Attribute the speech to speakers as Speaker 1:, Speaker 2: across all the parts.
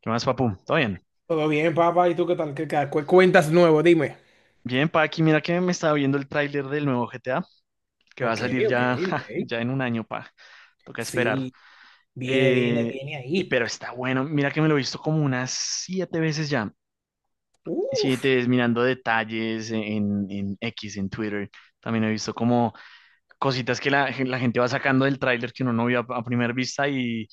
Speaker 1: ¿Qué más, papu? ¿Todo bien?
Speaker 2: Todo bien, papá. ¿Y tú qué tal? Cuentas nuevo? Dime.
Speaker 1: Bien, pa, aquí mira que me estaba viendo el tráiler del nuevo GTA, que va a
Speaker 2: Ok,
Speaker 1: salir
Speaker 2: ok,
Speaker 1: ya,
Speaker 2: ok.
Speaker 1: ja, ya en un año, pa. Toca esperar.
Speaker 2: Sí, viene, viene,
Speaker 1: Eh,
Speaker 2: viene
Speaker 1: y
Speaker 2: ahí.
Speaker 1: pero está bueno, mira que me lo he visto como unas siete veces ya.
Speaker 2: Uf.
Speaker 1: Siete veces mirando detalles en X, en Twitter. También he visto como cositas que la gente va sacando del tráiler que uno no vio a primera vista.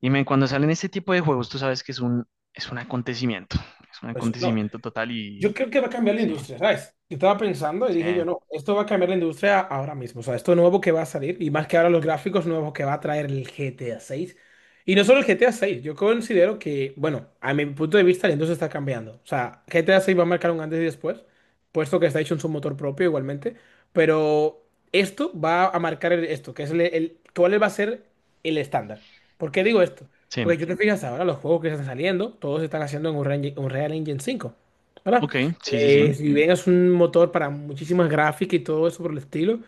Speaker 1: Y men, cuando salen este tipo de juegos, tú sabes que es es un acontecimiento. Es un
Speaker 2: Pues, no,
Speaker 1: acontecimiento total
Speaker 2: yo
Speaker 1: y
Speaker 2: creo que va a cambiar la
Speaker 1: sí,
Speaker 2: industria, ¿sabes? Yo estaba pensando y
Speaker 1: sí,
Speaker 2: dije yo, no, esto va a cambiar la industria ahora mismo, o sea, esto nuevo que va a salir y más que ahora los gráficos nuevos que va a traer el GTA 6. Y no solo el GTA 6, yo considero que, bueno, a mi punto de vista la industria está cambiando. O sea, GTA 6 va a marcar un antes y después, puesto que está hecho en su motor propio igualmente, pero esto va a marcar esto, que es cuál va a ser el estándar. ¿Por qué digo esto?
Speaker 1: sí.
Speaker 2: Porque yo te fijas ahora, los juegos que están saliendo, todos están haciendo en Unreal Engine 5, ¿verdad?
Speaker 1: Ok, sí, sí, sí.
Speaker 2: Si bien es un motor para muchísimas gráficas y todo eso por el estilo,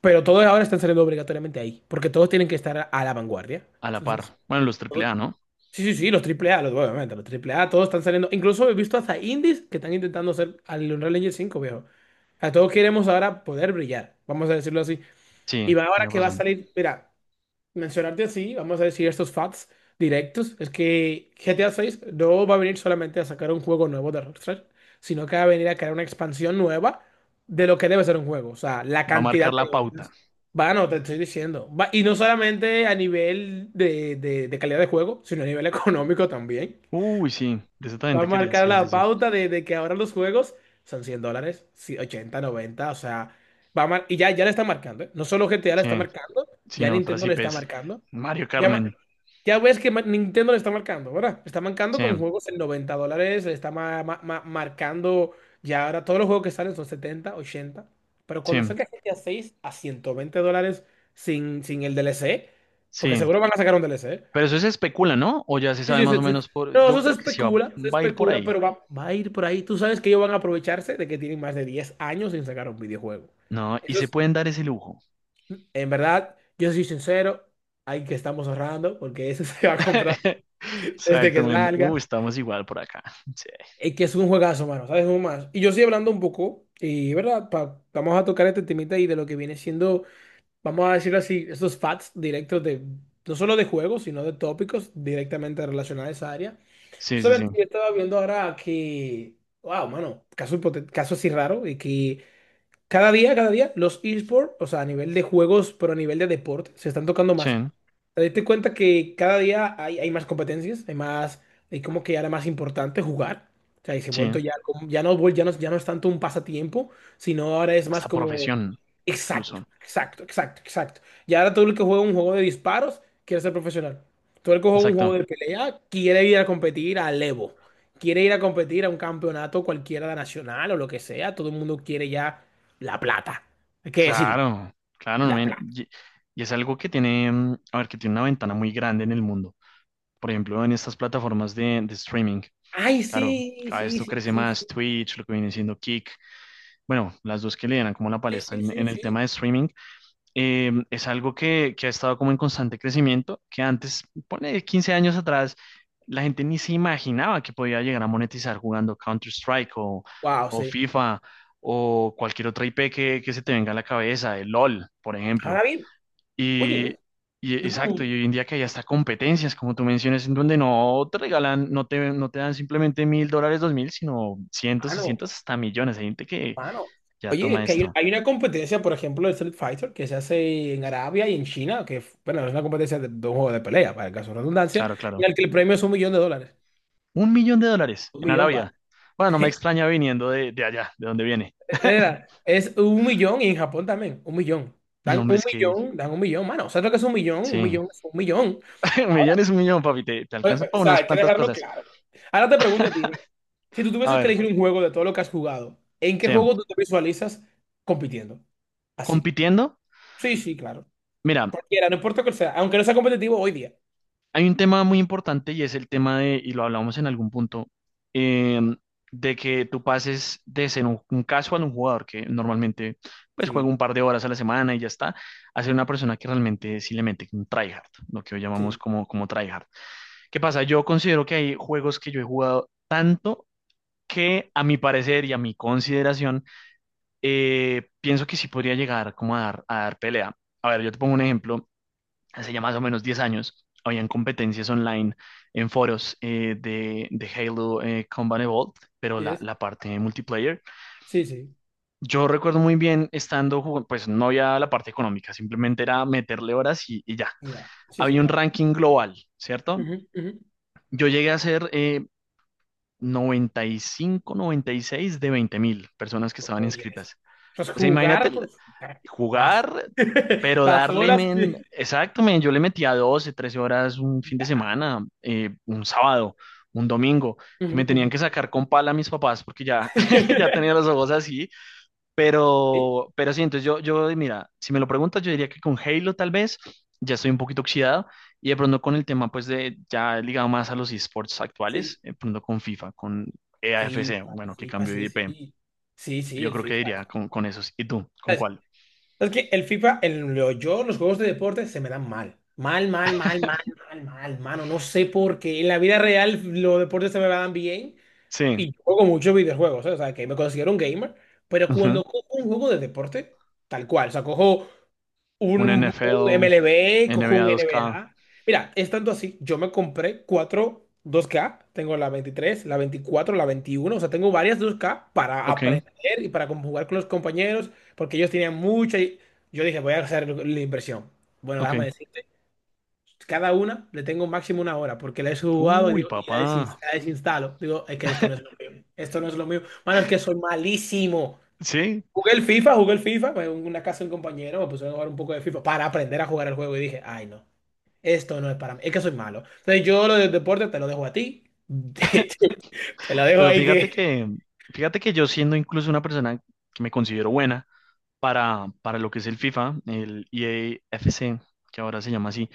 Speaker 2: pero todos ahora están saliendo obligatoriamente ahí, porque todos tienen que estar a la vanguardia.
Speaker 1: A la
Speaker 2: Entonces,
Speaker 1: par. Bueno, los AAA, ¿no?
Speaker 2: sí, sí, sí, los triple A los, obviamente, los triple A todos están saliendo. Incluso he visto hasta indies que están intentando hacer al Unreal Engine 5 viejo. A todos queremos ahora poder brillar, vamos a decirlo así.
Speaker 1: Sí,
Speaker 2: Y ahora
Speaker 1: tienes
Speaker 2: que va a
Speaker 1: razón.
Speaker 2: salir, mira, mencionarte así, vamos a decir estos facts directos, es que GTA 6 no va a venir solamente a sacar un juego nuevo de Rockstar, sino que va a venir a crear una expansión nueva de lo que debe ser un juego. O sea, la
Speaker 1: Va a marcar
Speaker 2: cantidad de
Speaker 1: la pauta.
Speaker 2: horas. Bueno, te estoy diciendo. Y no solamente a nivel de, de calidad de juego, sino a nivel económico también.
Speaker 1: Uy, sí, de eso también
Speaker 2: Va a
Speaker 1: te quería.
Speaker 2: marcar
Speaker 1: Sí, sí,
Speaker 2: la
Speaker 1: sí.
Speaker 2: pauta de que ahora los juegos son $100, sí, 80, 90, o sea, y ya le está marcando, ¿eh? No solo GTA le
Speaker 1: Sí,
Speaker 2: está marcando,
Speaker 1: sí,
Speaker 2: ya
Speaker 1: no, otras
Speaker 2: Nintendo le está
Speaker 1: IPs.
Speaker 2: marcando.
Speaker 1: Mario
Speaker 2: Ya, ma-
Speaker 1: Carmen.
Speaker 2: ya ves que Nintendo le está marcando, ¿verdad? Le está marcando
Speaker 1: Sí,
Speaker 2: con juegos en $90, le está marcando ya ahora todos los juegos que salen son 70, 80, pero cuando
Speaker 1: sí,
Speaker 2: salga GTA 6 a seis a $120 sin el DLC, porque
Speaker 1: sí.
Speaker 2: seguro van a sacar un DLC.
Speaker 1: Pero eso se especula, ¿no? O ya se
Speaker 2: Sí,
Speaker 1: sabe
Speaker 2: sí,
Speaker 1: más o
Speaker 2: sí, sí.
Speaker 1: menos por.
Speaker 2: No,
Speaker 1: Yo
Speaker 2: eso
Speaker 1: creo que sí
Speaker 2: se
Speaker 1: va a ir por
Speaker 2: especula,
Speaker 1: ahí.
Speaker 2: pero va a ir por ahí. Tú sabes que ellos van a aprovecharse de que tienen más de 10 años sin sacar un videojuego.
Speaker 1: No, y
Speaker 2: Eso
Speaker 1: se
Speaker 2: es,
Speaker 1: pueden dar ese lujo.
Speaker 2: en verdad, yo soy sincero, hay que estamos ahorrando porque eso se va a comprar desde que
Speaker 1: Exactamente.
Speaker 2: salga.
Speaker 1: Estamos igual por acá. Sí,
Speaker 2: Es que es un juegazo, mano, ¿sabes? Un más. Y yo estoy hablando un poco, y verdad, vamos a tocar este temita y de lo que viene siendo, vamos a decirlo así, estos facts directos de, no solo de juegos, sino de tópicos directamente relacionados a esa área.
Speaker 1: sí, sí,
Speaker 2: Sabes
Speaker 1: sí.
Speaker 2: que yo estaba viendo ahora que, wow, mano, caso así raro, y que cada día, los esports, o sea, a nivel de juegos, pero a nivel de deporte, se están tocando
Speaker 1: Sí,
Speaker 2: más. Te diste cuenta que cada día hay más competencias, hay más, hay como que ahora más importante jugar. O sea, y se ha
Speaker 1: sí.
Speaker 2: vuelto ya, ya no es tanto un pasatiempo, sino ahora es más
Speaker 1: Hasta
Speaker 2: como,
Speaker 1: profesión,
Speaker 2: exacto,
Speaker 1: incluso.
Speaker 2: exacto, exacto, exacto. Y ahora todo el que juega un juego de disparos quiere ser profesional. Todo el que juega un
Speaker 1: Exacto.
Speaker 2: juego de pelea quiere ir a competir al Evo. Quiere ir a competir a un campeonato cualquiera nacional o lo que sea. Todo el mundo quiere ya la plata. Hay que decirlo.
Speaker 1: Claro, claro,
Speaker 2: La
Speaker 1: men,
Speaker 2: plata.
Speaker 1: y es algo que tiene, a ver, que tiene una ventana muy grande en el mundo. Por ejemplo, en estas plataformas de streaming.
Speaker 2: Ay,
Speaker 1: Claro,
Speaker 2: sí,
Speaker 1: cada vez
Speaker 2: sí,
Speaker 1: esto
Speaker 2: sí,
Speaker 1: crece
Speaker 2: sí, sí,
Speaker 1: más, Twitch, lo que viene siendo Kick. Bueno, las dos que le dan como la
Speaker 2: sí,
Speaker 1: palestra
Speaker 2: sí,
Speaker 1: en,
Speaker 2: sí,
Speaker 1: en el tema de
Speaker 2: sí.
Speaker 1: streaming, es algo que ha estado como en constante crecimiento, que antes, pone 15 años atrás, la gente ni se imaginaba que podía llegar a monetizar jugando Counter-Strike
Speaker 2: Wow,
Speaker 1: o
Speaker 2: sí.
Speaker 1: FIFA o cualquier otra IP que se te venga a la cabeza, el LOL, por ejemplo.
Speaker 2: Ahora bien, oye,
Speaker 1: Y, y
Speaker 2: yo
Speaker 1: exacto, y
Speaker 2: pregunto,
Speaker 1: hoy en día que hay hasta competencias, como tú mencionas, en donde no te regalan, no te dan simplemente mil dólares, dos mil, sino cientos y
Speaker 2: mano,
Speaker 1: cientos hasta millones. Hay gente que
Speaker 2: mano.
Speaker 1: ya
Speaker 2: Oye, es
Speaker 1: toma
Speaker 2: que hay,
Speaker 1: esto.
Speaker 2: hay una competencia, por ejemplo, de Street Fighter que se hace en Arabia y en China, que, bueno, es una competencia de, dos juegos de pelea, para el caso de redundancia,
Speaker 1: Claro,
Speaker 2: en
Speaker 1: claro.
Speaker 2: el que el premio es $1 millón.
Speaker 1: Un millón de dólares
Speaker 2: Un
Speaker 1: en
Speaker 2: millón, va.
Speaker 1: Arabia. Bueno, no me extraña viniendo de allá, de donde viene.
Speaker 2: Es 1 millón y en Japón también, 1 millón.
Speaker 1: Y
Speaker 2: Dan
Speaker 1: hombre,
Speaker 2: un
Speaker 1: es que
Speaker 2: millón, dan un millón, mano. ¿Sabes lo que es 1 millón? Un
Speaker 1: sí,
Speaker 2: millón es 1 millón.
Speaker 1: un millón es un millón, papi, te
Speaker 2: O
Speaker 1: alcanza para
Speaker 2: sea,
Speaker 1: unas
Speaker 2: hay que
Speaker 1: cuantas
Speaker 2: dejarlo
Speaker 1: cosas.
Speaker 2: claro. Ahora te pregunto a ti, si tú
Speaker 1: A
Speaker 2: tuvieses que
Speaker 1: ver,
Speaker 2: elegir un juego de todo lo que has jugado, ¿en qué
Speaker 1: Sam,
Speaker 2: juego tú te visualizas compitiendo? Así.
Speaker 1: compitiendo,
Speaker 2: Sí, sí, claro.
Speaker 1: mira,
Speaker 2: Cualquiera, no importa cuál sea, aunque no sea competitivo hoy día.
Speaker 1: hay un tema muy importante y es el tema de, y lo hablamos en algún punto, eh, de que tú pases de ser un casual, un jugador que normalmente pues juega
Speaker 2: Sí,
Speaker 1: un par de horas a la semana y ya está, a ser una persona que realmente sí le mete un tryhard, lo que hoy llamamos
Speaker 2: sí,
Speaker 1: como, como tryhard. ¿Qué pasa? Yo considero que hay juegos que yo he jugado tanto que a mi parecer y a mi consideración, pienso que sí podría llegar como a dar pelea. A ver, yo te pongo un ejemplo. Hace ya más o menos 10 años, habían competencias online en foros, de Halo, Combat Evolved, pero
Speaker 2: sí,
Speaker 1: la,
Speaker 2: es.
Speaker 1: la parte de multiplayer.
Speaker 2: Sí, sí,
Speaker 1: Yo recuerdo muy bien estando, jugando, pues no había la parte económica, simplemente era meterle horas y ya.
Speaker 2: mira. Sí, sí,
Speaker 1: Había un
Speaker 2: claro.
Speaker 1: ranking global, ¿cierto?
Speaker 2: Ujú, ujú.
Speaker 1: Yo llegué a ser 90 95 96 de 20.000 personas que estaban
Speaker 2: Oye, eso.
Speaker 1: inscritas.
Speaker 2: Entonces,
Speaker 1: O sea, imagínate
Speaker 2: jugar por jugar. Las,
Speaker 1: jugar, pero
Speaker 2: las
Speaker 1: darle,
Speaker 2: horas
Speaker 1: men,
Speaker 2: que...
Speaker 1: exacto, men, yo le metía 12 13 horas un fin de semana, un sábado, un domingo, que
Speaker 2: Ujú,
Speaker 1: me
Speaker 2: ujú.
Speaker 1: tenían que sacar con pala a mis papás porque ya, ya tenía los ojos así,
Speaker 2: Sí,
Speaker 1: pero sí, entonces yo, mira, si me lo preguntas, yo diría que con Halo tal vez ya estoy un poquito oxidado y de pronto con el tema pues de ya ligado más a los esports
Speaker 2: sí.
Speaker 1: actuales, de pronto con FIFA, con EAFC,
Speaker 2: FIFA, el
Speaker 1: bueno, que
Speaker 2: FIFA,
Speaker 1: cambio de
Speaker 2: sí,
Speaker 1: IP,
Speaker 2: sí. Sí, sí,
Speaker 1: yo
Speaker 2: el
Speaker 1: creo que
Speaker 2: FIFA.
Speaker 1: diría con esos. ¿Y tú? ¿Con cuál?
Speaker 2: Es que el FIFA, yo, los juegos de deporte se me dan mal. Mal, mal, mal, mal, mal, mal, mano. No sé por qué. En la vida real los deportes se me dan bien
Speaker 1: Sí,
Speaker 2: y yo juego muchos videojuegos, ¿eh? O sea, que me considero un gamer. Pero
Speaker 1: ujú.
Speaker 2: cuando cojo un juego de deporte, tal cual. O sea, cojo
Speaker 1: Un
Speaker 2: un
Speaker 1: NFL,
Speaker 2: MLB, cojo
Speaker 1: NBA
Speaker 2: un
Speaker 1: 2K,
Speaker 2: NBA. Mira, es tanto así, yo me compré cuatro 2K, tengo la 23, la 24, la 21, o sea, tengo varias 2K para
Speaker 1: ok,
Speaker 2: aprender y para jugar con los compañeros, porque ellos tenían mucha y yo dije, voy a hacer la inversión. Bueno, déjame
Speaker 1: ok.
Speaker 2: decirte, cada una le tengo máximo 1 hora, porque la he jugado y,
Speaker 1: Uy,
Speaker 2: digo, y la,
Speaker 1: papá.
Speaker 2: la desinstalo. Digo, es que esto no es lo mío, esto no es lo mío. Mano, es que soy malísimo.
Speaker 1: Sí,
Speaker 2: Jugué el FIFA, fue en una casa de un compañero, me pusieron a jugar un poco de FIFA para aprender a jugar el juego y dije, ay no, esto no es para mí, es que soy malo. Entonces yo lo del deporte te lo dejo a ti, te lo dejo
Speaker 1: pero
Speaker 2: ahí que...
Speaker 1: fíjate que yo siendo incluso una persona que me considero buena, para lo que es el FIFA, el EAFC, que ahora se llama así.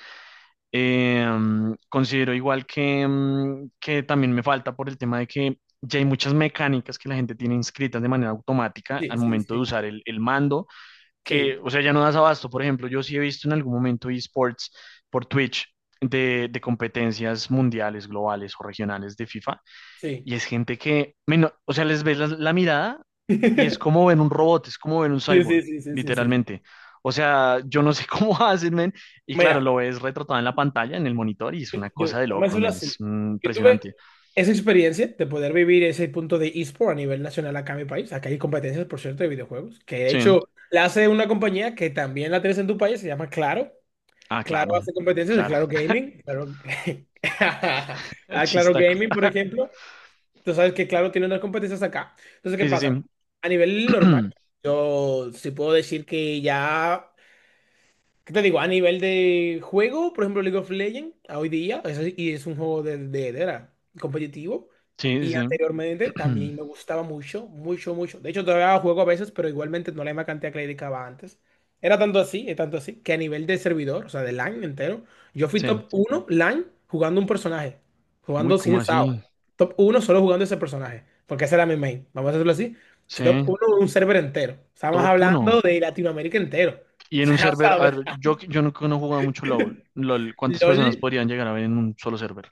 Speaker 1: Considero igual que, que también me falta por el tema de que ya hay muchas mecánicas que la gente tiene inscritas de manera automática al
Speaker 2: Sí, sí,
Speaker 1: momento de
Speaker 2: sí,
Speaker 1: usar el mando,
Speaker 2: sí,
Speaker 1: que, o sea, ya no das abasto. Por ejemplo, yo sí he visto en algún momento esports por Twitch. De competencias mundiales, globales o regionales de FIFA,
Speaker 2: sí.
Speaker 1: y es gente que, men, o sea, les ves la mirada y es como ven un robot, es como ven un
Speaker 2: Sí, sí,
Speaker 1: cyborg,
Speaker 2: sí, sí, sí, sí.
Speaker 1: literalmente. O sea, yo no sé cómo hacen, men. Y claro,
Speaker 2: Mira,
Speaker 1: lo ves retratado en la pantalla, en el monitor, y es una
Speaker 2: yo,
Speaker 1: cosa de
Speaker 2: vamos a
Speaker 1: locos,
Speaker 2: decirlo
Speaker 1: men. Es
Speaker 2: así, yo tuve
Speaker 1: impresionante.
Speaker 2: esa experiencia de poder vivir ese punto de eSport a nivel nacional acá en mi país, acá hay competencias, por cierto, de videojuegos, que de
Speaker 1: Sí.
Speaker 2: hecho la hace una compañía que también la tienes en tu país, se llama Claro.
Speaker 1: Ah,
Speaker 2: Claro
Speaker 1: claro,
Speaker 2: hace competencias de
Speaker 1: claro.
Speaker 2: Claro Gaming. Claro, a Claro
Speaker 1: Chistaco.
Speaker 2: Gaming, por ejemplo. Tú sabes que Claro tiene unas competencias acá. Entonces, ¿qué
Speaker 1: Sí, sí,
Speaker 2: pasa?
Speaker 1: sí.
Speaker 2: A nivel normal, yo sí puedo decir que ya. ¿Qué te digo? A nivel de juego, por ejemplo, League of Legends, a hoy día, y es un juego de era competitivo.
Speaker 1: Sí,
Speaker 2: Y
Speaker 1: sí,
Speaker 2: anteriormente
Speaker 1: sí.
Speaker 2: también me gustaba mucho, mucho, mucho. De hecho, todavía juego a veces, pero igualmente no la misma cantidad que le dedicaba antes. Era tanto así, es tanto así, que a nivel de servidor, o sea, de LAN entero, yo fui
Speaker 1: Sí.
Speaker 2: top uno LAN jugando un personaje,
Speaker 1: Uy,
Speaker 2: jugando sin
Speaker 1: ¿cómo
Speaker 2: SAO.
Speaker 1: así?
Speaker 2: Top uno solo jugando ese personaje, porque ese era mi main. Vamos a hacerlo así. Fui
Speaker 1: Sí,
Speaker 2: top uno de un server entero. Estábamos
Speaker 1: top
Speaker 2: hablando
Speaker 1: uno.
Speaker 2: de Latinoamérica entero.
Speaker 1: Y
Speaker 2: O
Speaker 1: en un
Speaker 2: sea,
Speaker 1: server, a ver, yo, no he jugado mucho LOL. LOL, ¿cuántas personas
Speaker 2: LOL,
Speaker 1: podrían llegar a ver en un solo server?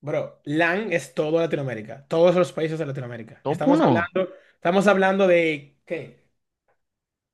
Speaker 2: bro, LAN es todo Latinoamérica, todos los países de Latinoamérica.
Speaker 1: Top
Speaker 2: Estamos
Speaker 1: uno.
Speaker 2: hablando, estamos hablando de, ¿qué?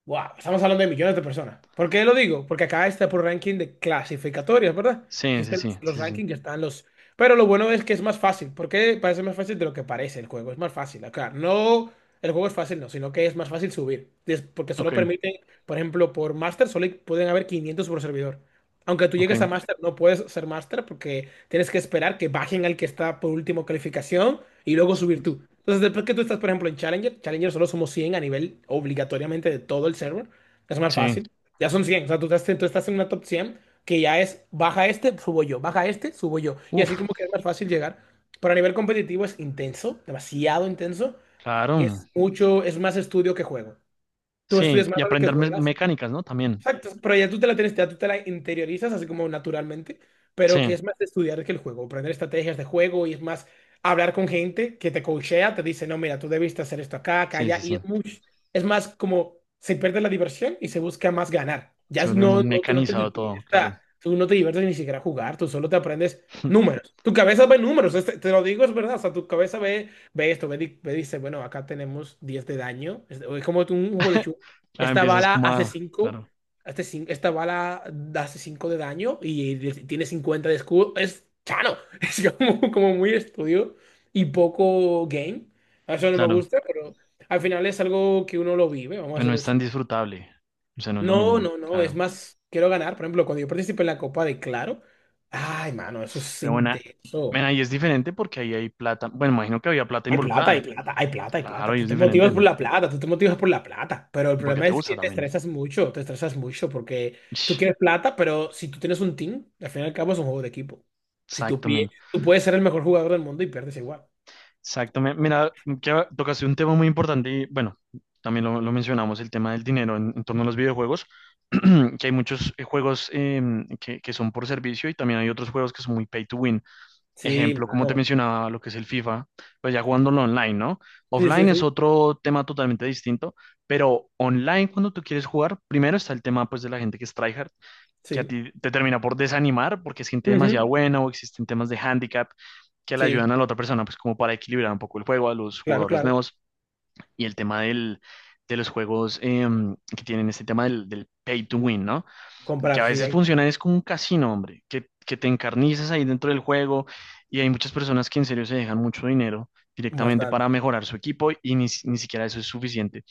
Speaker 2: Wow, estamos hablando de millones de personas. ¿Por qué lo digo? Porque acá está por ranking de clasificatorias, ¿verdad?
Speaker 1: Sí, sí,
Speaker 2: Existen
Speaker 1: sí,
Speaker 2: los
Speaker 1: sí, sí.
Speaker 2: rankings, ya están los... Pero lo bueno es que es más fácil. ¿Por qué? Parece más fácil de lo que parece el juego, es más fácil. Acá no, el juego es fácil, no, sino que es más fácil subir. Es porque
Speaker 1: Ok,
Speaker 2: solo permiten, por ejemplo, por Master solo pueden haber 500 por servidor. Aunque tú llegues a
Speaker 1: ok.
Speaker 2: máster, no puedes ser máster porque tienes que esperar que bajen al que está por último calificación y luego
Speaker 1: Sí,
Speaker 2: subir tú. Entonces, después que tú estás, por ejemplo, en Challenger, Challenger solo somos 100 a nivel obligatoriamente de todo el server. Es más
Speaker 1: sí.
Speaker 2: fácil. Ya son 100. O sea, tú estás en una top 100 que ya es baja este, subo yo, baja este, subo yo. Y
Speaker 1: Uf,
Speaker 2: así como que es más fácil llegar. Pero a nivel competitivo es intenso, demasiado intenso.
Speaker 1: claro.
Speaker 2: Es mucho, es más estudio que juego. Tú
Speaker 1: Sí,
Speaker 2: estudias más
Speaker 1: y
Speaker 2: de lo que
Speaker 1: aprender
Speaker 2: juegas.
Speaker 1: mecánicas, ¿no? También.
Speaker 2: Exacto, pero ya tú te la tienes, ya tú te la interiorizas así como naturalmente, pero
Speaker 1: Sí,
Speaker 2: que es más de estudiar que el juego, aprender estrategias de juego y es más hablar con gente que te coachea, te dice, no, mira, tú debiste hacer esto acá, acá,
Speaker 1: sí,
Speaker 2: allá,
Speaker 1: sí,
Speaker 2: y
Speaker 1: sí.
Speaker 2: es mucho, es más como se pierde la diversión y se busca más ganar.
Speaker 1: Se vuelve muy
Speaker 2: No, no, tú no te
Speaker 1: mecanizado todo, claro.
Speaker 2: diviertas, tú no te diviertes ni siquiera a jugar, tú solo te aprendes números. Tu cabeza ve números, te lo digo, es verdad, o sea, tu cabeza ve esto, dice, bueno, acá tenemos 10 de daño, es como un juego de chu.
Speaker 1: Claro,
Speaker 2: Esta
Speaker 1: empiezas
Speaker 2: bala
Speaker 1: como
Speaker 2: hace
Speaker 1: a.
Speaker 2: 5
Speaker 1: Claro,
Speaker 2: Esta bala hace 5 de daño y tiene 50 de escudo. Es chano. Es como, como muy estudio y poco game. Eso no me
Speaker 1: claro.
Speaker 2: gusta, pero al final es algo que uno lo vive, vamos
Speaker 1: Pero
Speaker 2: a
Speaker 1: no
Speaker 2: decirlo
Speaker 1: es tan
Speaker 2: así.
Speaker 1: disfrutable. O sea, no es lo
Speaker 2: No,
Speaker 1: mismo,
Speaker 2: no, no. Es
Speaker 1: claro.
Speaker 2: más, quiero ganar. Por ejemplo, cuando yo participé en la Copa de Claro. Ay, mano, eso es
Speaker 1: Pero bueno,
Speaker 2: intenso.
Speaker 1: bueno, ahí es diferente porque ahí hay plata. Bueno, imagino que había plata
Speaker 2: Hay plata, hay
Speaker 1: involucrada.
Speaker 2: plata, hay plata, hay
Speaker 1: Claro,
Speaker 2: plata.
Speaker 1: ahí
Speaker 2: Tú
Speaker 1: es
Speaker 2: te
Speaker 1: diferente.
Speaker 2: motivas por la plata, tú te motivas por la plata. Pero el
Speaker 1: Porque
Speaker 2: problema
Speaker 1: te
Speaker 2: es
Speaker 1: gusta
Speaker 2: que
Speaker 1: también.
Speaker 2: te estresas mucho porque tú
Speaker 1: Ish,
Speaker 2: quieres plata, pero si tú tienes un team, al fin y al cabo es un juego de equipo. Si tú,
Speaker 1: exacto, men.
Speaker 2: tú puedes ser el mejor jugador del mundo y pierdes igual.
Speaker 1: Exactamente. Mira, que tocaste un tema muy importante y bueno, también lo mencionamos, el tema del dinero en torno a los videojuegos, que hay muchos juegos, que son por servicio y también hay otros juegos que son muy pay to win.
Speaker 2: Sí,
Speaker 1: Ejemplo, como te
Speaker 2: mano.
Speaker 1: mencionaba, lo que es el FIFA, pues ya jugándolo online, ¿no?
Speaker 2: Sí, sí,
Speaker 1: Offline es
Speaker 2: sí.
Speaker 1: otro tema totalmente distinto, pero online cuando tú quieres jugar, primero está el tema pues de la gente que es tryhard, que a
Speaker 2: Sí.
Speaker 1: ti te termina por desanimar porque es gente demasiado
Speaker 2: Ujú.
Speaker 1: buena o existen temas de handicap que le ayudan
Speaker 2: Sí,
Speaker 1: a la otra persona, pues como para equilibrar un poco el juego a los
Speaker 2: claro,
Speaker 1: jugadores
Speaker 2: claro.
Speaker 1: nuevos y el tema del, de los juegos, que tienen este tema del, pay to win, ¿no? Que
Speaker 2: Comprar,
Speaker 1: a
Speaker 2: sí,
Speaker 1: veces
Speaker 2: hay
Speaker 1: funciona es como un casino, hombre, que te encarnizas ahí dentro del juego y hay muchas personas que en serio se dejan mucho dinero directamente
Speaker 2: bastante.
Speaker 1: para mejorar su equipo y ni siquiera eso es suficiente.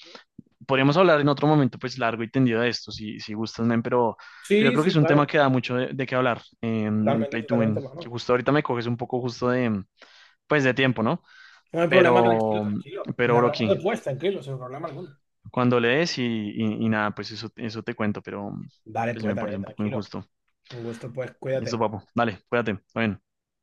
Speaker 1: Podríamos hablar en otro momento, pues largo y tendido de esto, si gustas, men, pero yo
Speaker 2: Sí,
Speaker 1: creo que es
Speaker 2: sí,
Speaker 1: un tema
Speaker 2: claro.
Speaker 1: que da mucho de qué hablar,
Speaker 2: Totalmente,
Speaker 1: Pay to
Speaker 2: totalmente,
Speaker 1: Win, que
Speaker 2: mano.
Speaker 1: justo ahorita me coges un poco justo de, pues de tiempo, ¿no?
Speaker 2: No hay problema, tranquilo,
Speaker 1: Pero,
Speaker 2: tranquilo.
Speaker 1: pero
Speaker 2: Le hablamos
Speaker 1: Broki,
Speaker 2: después, tranquilo, sin problema alguno.
Speaker 1: cuando lees y nada, pues eso, te cuento, pero
Speaker 2: Dale,
Speaker 1: pues
Speaker 2: pues,
Speaker 1: me parece
Speaker 2: también,
Speaker 1: un poco
Speaker 2: tranquilo.
Speaker 1: injusto.
Speaker 2: Un gusto, pues,
Speaker 1: Listo,
Speaker 2: cuídate.
Speaker 1: papo, dale, cuídate, está bien.